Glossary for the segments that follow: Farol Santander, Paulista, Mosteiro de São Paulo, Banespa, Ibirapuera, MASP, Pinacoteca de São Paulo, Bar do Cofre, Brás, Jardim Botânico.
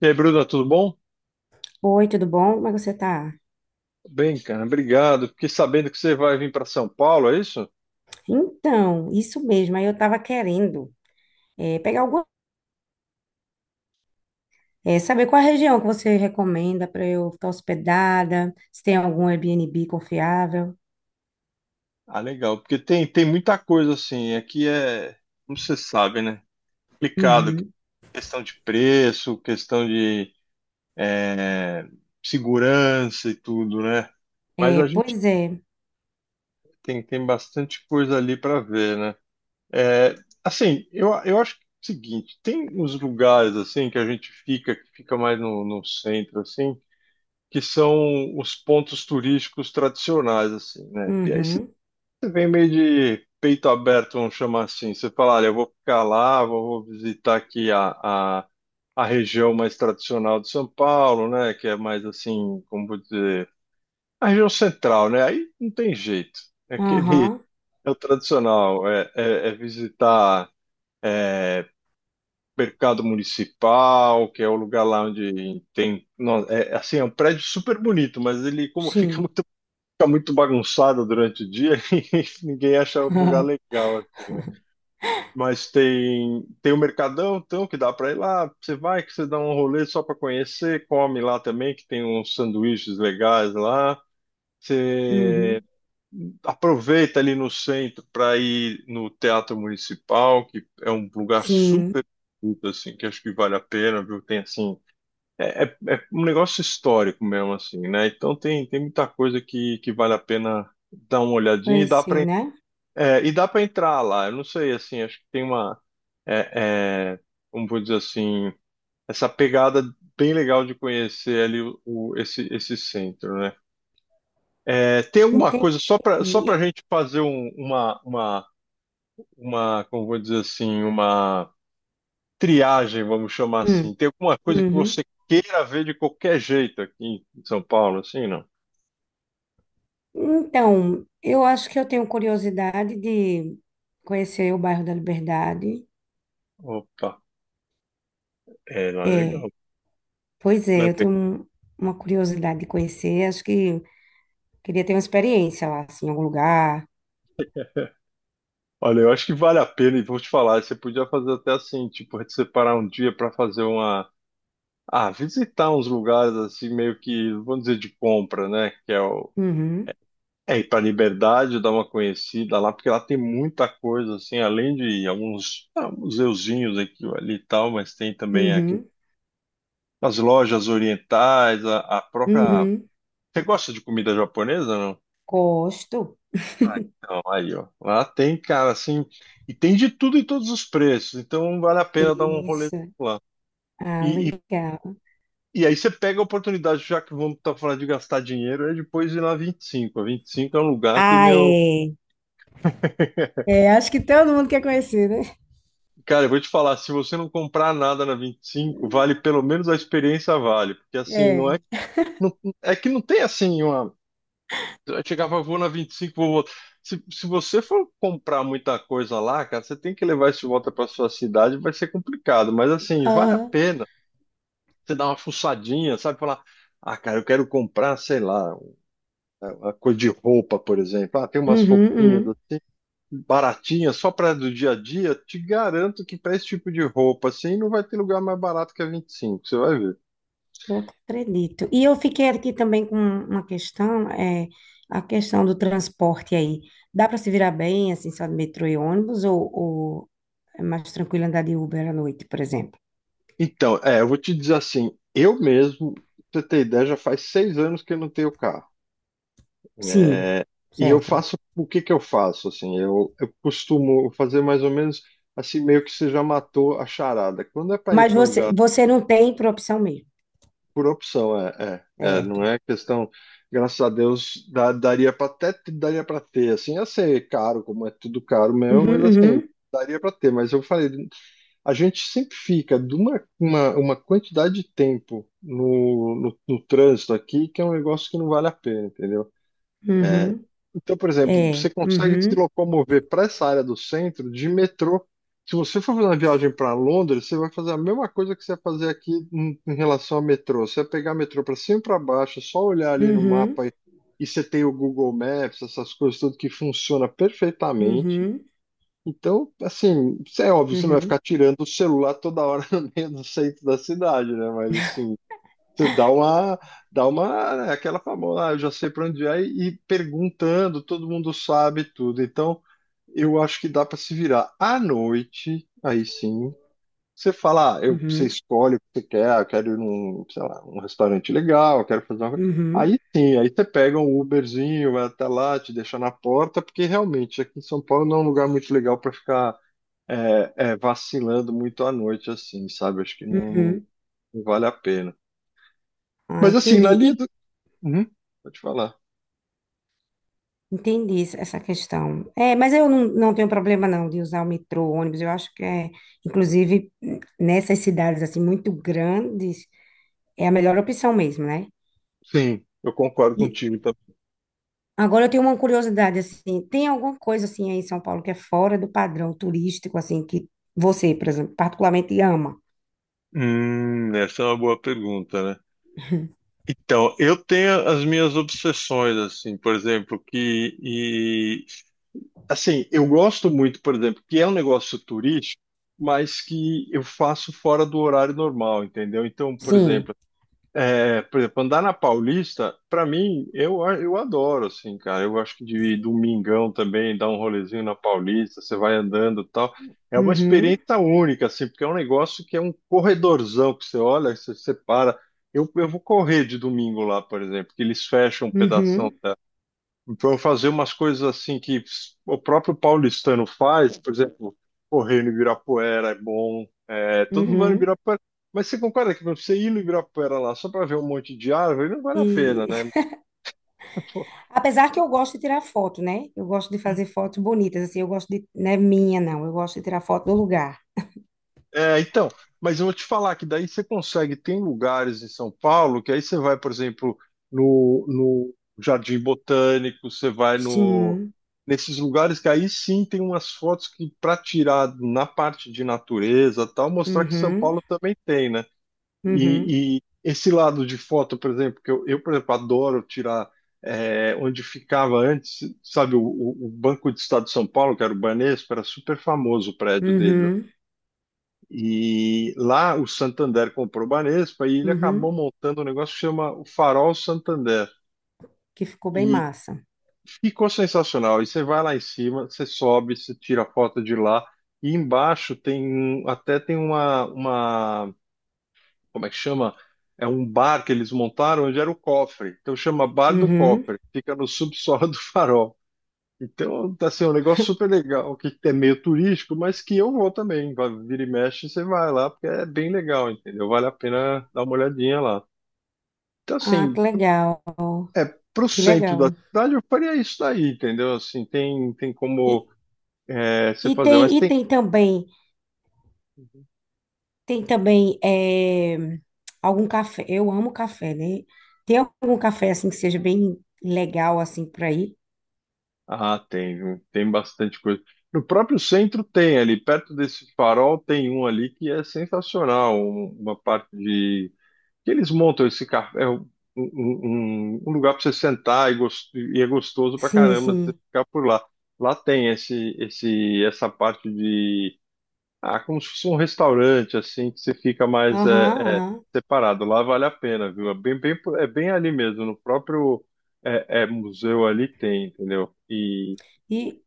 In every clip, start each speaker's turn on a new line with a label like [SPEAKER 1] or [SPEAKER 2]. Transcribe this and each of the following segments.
[SPEAKER 1] E aí, Bruna, tudo bom?
[SPEAKER 2] Oi, tudo bom? Como é que você tá?
[SPEAKER 1] Bem, cara, obrigado. Fiquei sabendo que você vai vir para São Paulo, é isso?
[SPEAKER 2] Então, isso mesmo. Aí eu tava querendo eh, pegar alguma, saber qual a região que você recomenda para eu ficar hospedada, se tem algum Airbnb confiável.
[SPEAKER 1] Ah, legal, porque tem muita coisa assim. Aqui é, como você sabe, né? Complicado,
[SPEAKER 2] Uhum.
[SPEAKER 1] questão de preço, questão de é, segurança e tudo, né? Mas
[SPEAKER 2] É,
[SPEAKER 1] a gente
[SPEAKER 2] pois é.
[SPEAKER 1] tem bastante coisa ali para ver, né? É, assim, eu acho que é o seguinte: tem uns lugares assim que a gente fica, que fica mais no centro, assim, que são os pontos turísticos tradicionais, assim, né? E aí você
[SPEAKER 2] Uhum.
[SPEAKER 1] vem meio de peito aberto, vamos chamar assim. Você fala, olha, eu vou ficar lá, vou visitar aqui a região mais tradicional de São Paulo, né? Que é mais assim, como vou dizer, a região central, né? Aí não tem jeito. É aquele,
[SPEAKER 2] Aham.
[SPEAKER 1] é o tradicional, é visitar, é, mercado municipal, que é o lugar lá onde tem, é, assim, é um prédio super bonito, mas ele como fica
[SPEAKER 2] Sim.
[SPEAKER 1] muito fica muito bagunçada durante o dia e ninguém acha um lugar legal, assim, né? Mas tem o Mercadão, então, que dá para ir lá. Você vai, que você dá um rolê só para conhecer, come lá também, que tem uns sanduíches legais lá. Você
[SPEAKER 2] Uhum.
[SPEAKER 1] aproveita ali no centro para ir no Teatro Municipal, que é um lugar super
[SPEAKER 2] Sim.
[SPEAKER 1] bonito, assim, que acho que vale a pena, viu? Tem, assim, é um negócio histórico mesmo, assim, né? Então tem muita coisa que vale a pena dar uma olhadinha e dá
[SPEAKER 2] Conhecer,
[SPEAKER 1] para
[SPEAKER 2] né?
[SPEAKER 1] é, e dá para entrar lá. Eu não sei, assim, acho que tem uma, é, é, como vou dizer assim, essa pegada bem legal de conhecer ali esse centro, né? É, tem alguma
[SPEAKER 2] Entendi.
[SPEAKER 1] coisa só para só
[SPEAKER 2] E-
[SPEAKER 1] para gente fazer uma, como vou dizer assim, uma triagem, vamos chamar
[SPEAKER 2] Hum.
[SPEAKER 1] assim? Tem alguma coisa que
[SPEAKER 2] Uhum.
[SPEAKER 1] você queira ver de qualquer jeito aqui em São Paulo, assim, não?
[SPEAKER 2] Então, eu acho que eu tenho curiosidade de conhecer o bairro da Liberdade.
[SPEAKER 1] Opa, não, é
[SPEAKER 2] É.
[SPEAKER 1] legal.
[SPEAKER 2] Pois
[SPEAKER 1] Né?
[SPEAKER 2] é, eu tenho um- uma curiosidade de conhecer, acho que queria ter uma experiência lá, assim, em algum lugar.
[SPEAKER 1] Olha, eu acho que vale a pena, e vou te falar, você podia fazer até assim, tipo, separar um dia para fazer uma. Ah, visitar uns lugares assim, meio que, vamos dizer, de compra, né? Que é o.
[SPEAKER 2] Uhum,
[SPEAKER 1] É, ir para Liberdade, dar uma conhecida lá, porque lá tem muita coisa, assim, além de alguns museuzinhos aqui ou ali e tal, mas tem também a
[SPEAKER 2] uhum,
[SPEAKER 1] as lojas orientais, a própria.
[SPEAKER 2] uhum.
[SPEAKER 1] Você gosta de comida japonesa, não?
[SPEAKER 2] Gosto.
[SPEAKER 1] Ah, então, aí, ó. Lá tem, cara, assim. E tem de tudo e todos os preços. Então vale a pena dar um rolê
[SPEAKER 2] Isso.
[SPEAKER 1] lá.
[SPEAKER 2] Ah,
[SPEAKER 1] E, e,
[SPEAKER 2] legal.
[SPEAKER 1] e aí você pega a oportunidade, já que vamos estar falando de gastar dinheiro, depois ir na 25. A 25 é um lugar que,
[SPEAKER 2] Ah,
[SPEAKER 1] meu.
[SPEAKER 2] é. É, acho que todo mundo quer conhecer, né?
[SPEAKER 1] Cara, eu vou te falar, se você não comprar nada na 25 vale pelo menos a experiência vale, porque assim, não é,
[SPEAKER 2] É.
[SPEAKER 1] não, é que não tem assim uma, eu chegava, vou na 25, vou voltar. Se você for comprar muita coisa lá, cara, você tem que levar isso de volta para sua cidade, vai ser complicado. Mas assim, vale a
[SPEAKER 2] Aham.
[SPEAKER 1] pena você dar uma fuçadinha, sabe? Falar, ah, cara, eu quero comprar, sei lá, uma coisa de roupa, por exemplo. Ah, tem umas
[SPEAKER 2] Uhum,
[SPEAKER 1] roupinhas
[SPEAKER 2] uhum.
[SPEAKER 1] assim, baratinhas, só para do dia a dia. Te garanto que para esse tipo de roupa, assim, não vai ter lugar mais barato que a 25. Você vai ver.
[SPEAKER 2] Eu acredito. E eu fiquei aqui também com uma questão, é a questão do transporte aí. Dá para se virar bem, assim, só de metrô e ônibus, ou, é mais tranquilo andar de Uber à noite, por exemplo?
[SPEAKER 1] Então, eu vou te dizer assim, eu mesmo, pra você ter ideia, já faz 6 anos que eu não tenho carro.
[SPEAKER 2] Sim,
[SPEAKER 1] É, e eu
[SPEAKER 2] certo.
[SPEAKER 1] faço o que que eu faço assim, eu costumo fazer mais ou menos assim meio que você já matou a charada. Quando é para ir
[SPEAKER 2] Mas
[SPEAKER 1] para um
[SPEAKER 2] você,
[SPEAKER 1] lugar
[SPEAKER 2] você não tem por opção mesmo,
[SPEAKER 1] por opção, não
[SPEAKER 2] certo?
[SPEAKER 1] é questão, graças a Deus, daria para até daria para ter assim, ia ser caro, como é tudo caro mesmo,
[SPEAKER 2] Uhum,
[SPEAKER 1] mas assim,
[SPEAKER 2] uhum,
[SPEAKER 1] daria para ter, mas eu falei, a gente sempre fica de uma quantidade de tempo no trânsito aqui que é um negócio que não vale a pena, entendeu?
[SPEAKER 2] uhum.
[SPEAKER 1] Então, por exemplo, você
[SPEAKER 2] É,
[SPEAKER 1] consegue se
[SPEAKER 2] uhum,
[SPEAKER 1] locomover para essa área do centro de metrô. Se você for fazer uma viagem para Londres, você vai fazer a mesma coisa que você vai fazer aqui em relação ao metrô. Você vai pegar metrô para cima e para baixo, é só olhar ali no
[SPEAKER 2] uhum,
[SPEAKER 1] mapa e você tem o Google Maps, essas coisas tudo que funciona perfeitamente.
[SPEAKER 2] uhum,
[SPEAKER 1] Então, assim, isso é óbvio, você não vai
[SPEAKER 2] uhum,
[SPEAKER 1] ficar tirando o celular toda hora no meio do centro da cidade, né? Mas assim, você dá uma, né, aquela famosa, ah, eu já sei para onde é, e perguntando, todo mundo sabe tudo. Então, eu acho que dá para se virar. À noite, aí sim, você fala, ah, você
[SPEAKER 2] uhum,
[SPEAKER 1] escolhe o que você quer, ah, eu quero ir num, sei lá, um restaurante legal, eu quero fazer uma coisa.
[SPEAKER 2] uhum,
[SPEAKER 1] Aí sim, aí você pega um Uberzinho, vai até lá, te deixa na porta, porque realmente aqui em São Paulo não é um lugar muito legal para ficar vacilando muito à noite, assim, sabe? Acho que não, não
[SPEAKER 2] uhum.
[SPEAKER 1] não vale a pena.
[SPEAKER 2] Ah,
[SPEAKER 1] Mas assim, na
[SPEAKER 2] entendi. E
[SPEAKER 1] linha do. Uhum. Vou falar.
[SPEAKER 2] entendi essa questão. É, mas eu não, não tenho problema não de usar o metrô, o ônibus. Eu acho que é, inclusive, nessas cidades assim muito grandes, é a melhor opção mesmo, né?
[SPEAKER 1] Sim, eu concordo
[SPEAKER 2] E
[SPEAKER 1] contigo. Tá?
[SPEAKER 2] agora eu tenho uma curiosidade assim, tem alguma coisa assim aí em São Paulo que é fora do padrão turístico assim que você, por exemplo, particularmente ama?
[SPEAKER 1] Essa é uma boa pergunta, né? Então, eu tenho as minhas obsessões, assim, por exemplo, que, e, assim, eu gosto muito, por exemplo, que é um negócio turístico, mas que eu faço fora do horário normal, entendeu? Então,
[SPEAKER 2] Sim.
[SPEAKER 1] por exemplo, andar na Paulista, pra mim, eu adoro, assim, cara. Eu acho que de domingão também, dar um rolezinho na Paulista, você vai andando e tal. É uma
[SPEAKER 2] Uhum.
[SPEAKER 1] experiência única, assim, porque é um negócio que é um corredorzão que você olha, você para. Eu vou correr de domingo lá, por exemplo, que eles fecham um pedaço
[SPEAKER 2] Uhum.
[SPEAKER 1] então, fazer umas coisas assim que o próprio paulistano faz, por exemplo, correr no Ibirapuera é bom, todo mundo vai no
[SPEAKER 2] Uhum.
[SPEAKER 1] Ibirapuera. Mas você concorda que pra você ir no Ibirapuera lá só para ver um monte de árvore não vale a pena,
[SPEAKER 2] E
[SPEAKER 1] né?
[SPEAKER 2] apesar que eu gosto de tirar foto, né? Eu gosto de fazer fotos bonitas assim, eu gosto de, não é minha não, eu gosto de tirar foto do lugar.
[SPEAKER 1] Então, mas eu vou te falar que daí você consegue, tem lugares em São Paulo que aí você vai, por exemplo, no, Jardim Botânico, você vai no,
[SPEAKER 2] Sim.
[SPEAKER 1] nesses lugares que aí sim tem umas fotos que para tirar na parte de natureza, tal, mostrar que São
[SPEAKER 2] Uhum.
[SPEAKER 1] Paulo também tem, né?
[SPEAKER 2] Uhum.
[SPEAKER 1] E esse lado de foto, por exemplo, que eu por exemplo, adoro tirar onde ficava antes, sabe, o Banco do Estado de São Paulo, que era o Banespa, era super famoso o prédio deles
[SPEAKER 2] Uhum.
[SPEAKER 1] e lá o Santander comprou o Banespa e ele acabou
[SPEAKER 2] Uhum.
[SPEAKER 1] montando um negócio que chama o Farol Santander.
[SPEAKER 2] Que ficou bem
[SPEAKER 1] E
[SPEAKER 2] massa.
[SPEAKER 1] ficou sensacional. E você vai lá em cima, você sobe, você tira a foto de lá. E embaixo tem um, até tem uma, como é que chama? É um bar que eles montaram onde era o cofre. Então chama Bar do
[SPEAKER 2] Uhum.
[SPEAKER 1] Cofre. Fica no subsolo do farol. Então, tá assim, é um negócio super legal, que é meio turístico, mas que eu vou também. Vira e mexe, você vai lá, porque é bem legal, entendeu? Vale a pena dar uma olhadinha lá. Então,
[SPEAKER 2] Ah,
[SPEAKER 1] assim,
[SPEAKER 2] que legal.
[SPEAKER 1] é pro
[SPEAKER 2] Que
[SPEAKER 1] centro da
[SPEAKER 2] legal.
[SPEAKER 1] cidade, eu faria isso daí, entendeu? Assim, tem
[SPEAKER 2] E,
[SPEAKER 1] como você
[SPEAKER 2] e
[SPEAKER 1] fazer, mas
[SPEAKER 2] tem e
[SPEAKER 1] tem.
[SPEAKER 2] tem também. Tem também algum café. Eu amo café, né? Tem algum café assim que seja bem legal assim por aí?
[SPEAKER 1] Ah, tem, viu? Tem bastante coisa. No próprio centro tem ali, perto desse farol tem um ali que é sensacional, uma parte de que eles montam esse café, um lugar para você sentar e é gostoso pra
[SPEAKER 2] Sim,
[SPEAKER 1] caramba você
[SPEAKER 2] sim.
[SPEAKER 1] ficar por lá. Lá tem essa parte de, como se fosse um restaurante, assim, que você fica mais
[SPEAKER 2] Aham, aham.
[SPEAKER 1] separado. Lá vale a pena, viu? É bem, bem, ali mesmo, no próprio museu ali tem, entendeu? E.
[SPEAKER 2] E,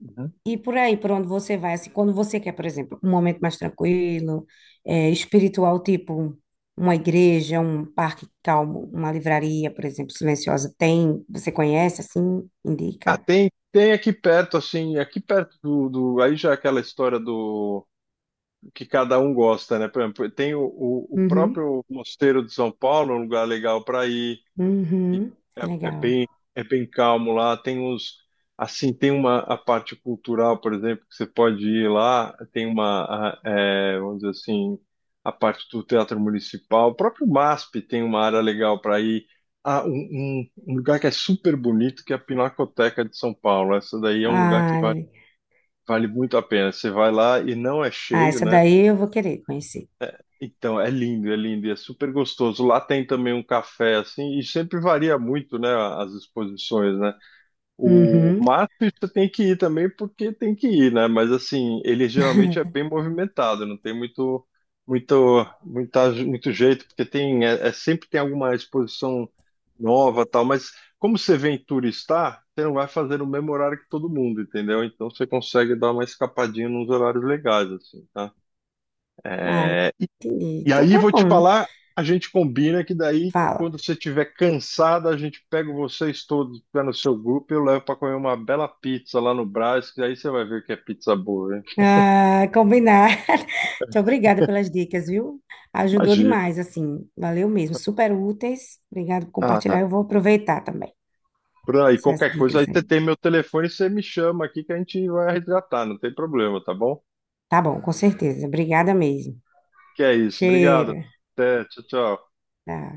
[SPEAKER 1] Uhum.
[SPEAKER 2] e por aí, por onde você vai, assim, quando você quer, por exemplo, um momento mais tranquilo, espiritual, tipo uma igreja, um parque calmo, uma livraria, por exemplo, silenciosa, tem? Você conhece, assim,
[SPEAKER 1] Ah,
[SPEAKER 2] indica?
[SPEAKER 1] tem aqui perto, assim, aqui perto aí já é aquela história do que cada um gosta, né? Por exemplo, tem o
[SPEAKER 2] Uhum,
[SPEAKER 1] próprio Mosteiro de São Paulo, um lugar legal para ir, e
[SPEAKER 2] uhum,
[SPEAKER 1] é, é
[SPEAKER 2] legal.
[SPEAKER 1] bem é bem calmo lá. Tem os assim tem uma a parte cultural, por exemplo, que você pode ir lá. Tem vamos dizer assim a parte do Teatro Municipal, o próprio MASP tem uma área legal para ir. Ah, um lugar que é super bonito que é a Pinacoteca de São Paulo. Essa daí é um lugar que
[SPEAKER 2] Ah,
[SPEAKER 1] vale muito a pena. Você vai lá e não é
[SPEAKER 2] ah,
[SPEAKER 1] cheio,
[SPEAKER 2] essa
[SPEAKER 1] né?
[SPEAKER 2] daí eu vou querer conhecer.
[SPEAKER 1] Então, é lindo e é super gostoso. Lá tem também um café, assim, e sempre varia muito, né, as exposições, né? O
[SPEAKER 2] Uhum.
[SPEAKER 1] MASP você tem que ir também porque tem que ir, né? Mas, assim, ele geralmente é bem movimentado, não tem muito, jeito, porque sempre tem alguma exposição nova, tal, mas como você vem turistar, você não vai fazer no mesmo horário que todo mundo, entendeu? Então, você consegue dar uma escapadinha nos horários legais, assim, tá?
[SPEAKER 2] Ah,
[SPEAKER 1] É,
[SPEAKER 2] entendi.
[SPEAKER 1] e
[SPEAKER 2] Então
[SPEAKER 1] aí
[SPEAKER 2] tá
[SPEAKER 1] vou te
[SPEAKER 2] bom.
[SPEAKER 1] falar, a gente combina que daí,
[SPEAKER 2] Fala.
[SPEAKER 1] quando você estiver cansado, a gente pega vocês todos que tá no seu grupo e eu levo para comer uma bela pizza lá no Brás, que aí você vai ver que é pizza boa, hein?
[SPEAKER 2] Ah, combinar. Muito obrigada pelas dicas, viu? Ajudou
[SPEAKER 1] Imagina.
[SPEAKER 2] demais, assim. Valeu mesmo. Super úteis. Obrigada por
[SPEAKER 1] Ah,
[SPEAKER 2] compartilhar. Eu vou aproveitar também
[SPEAKER 1] Bruno, aí
[SPEAKER 2] essas
[SPEAKER 1] qualquer coisa, aí
[SPEAKER 2] dicas
[SPEAKER 1] você
[SPEAKER 2] aí.
[SPEAKER 1] tem meu telefone, você me chama aqui que a gente vai resgatar, não tem problema, tá bom?
[SPEAKER 2] Tá bom, com certeza. Obrigada mesmo.
[SPEAKER 1] Que é isso. Obrigado.
[SPEAKER 2] Cheiro.
[SPEAKER 1] Até, tchau, tchau.
[SPEAKER 2] Tá.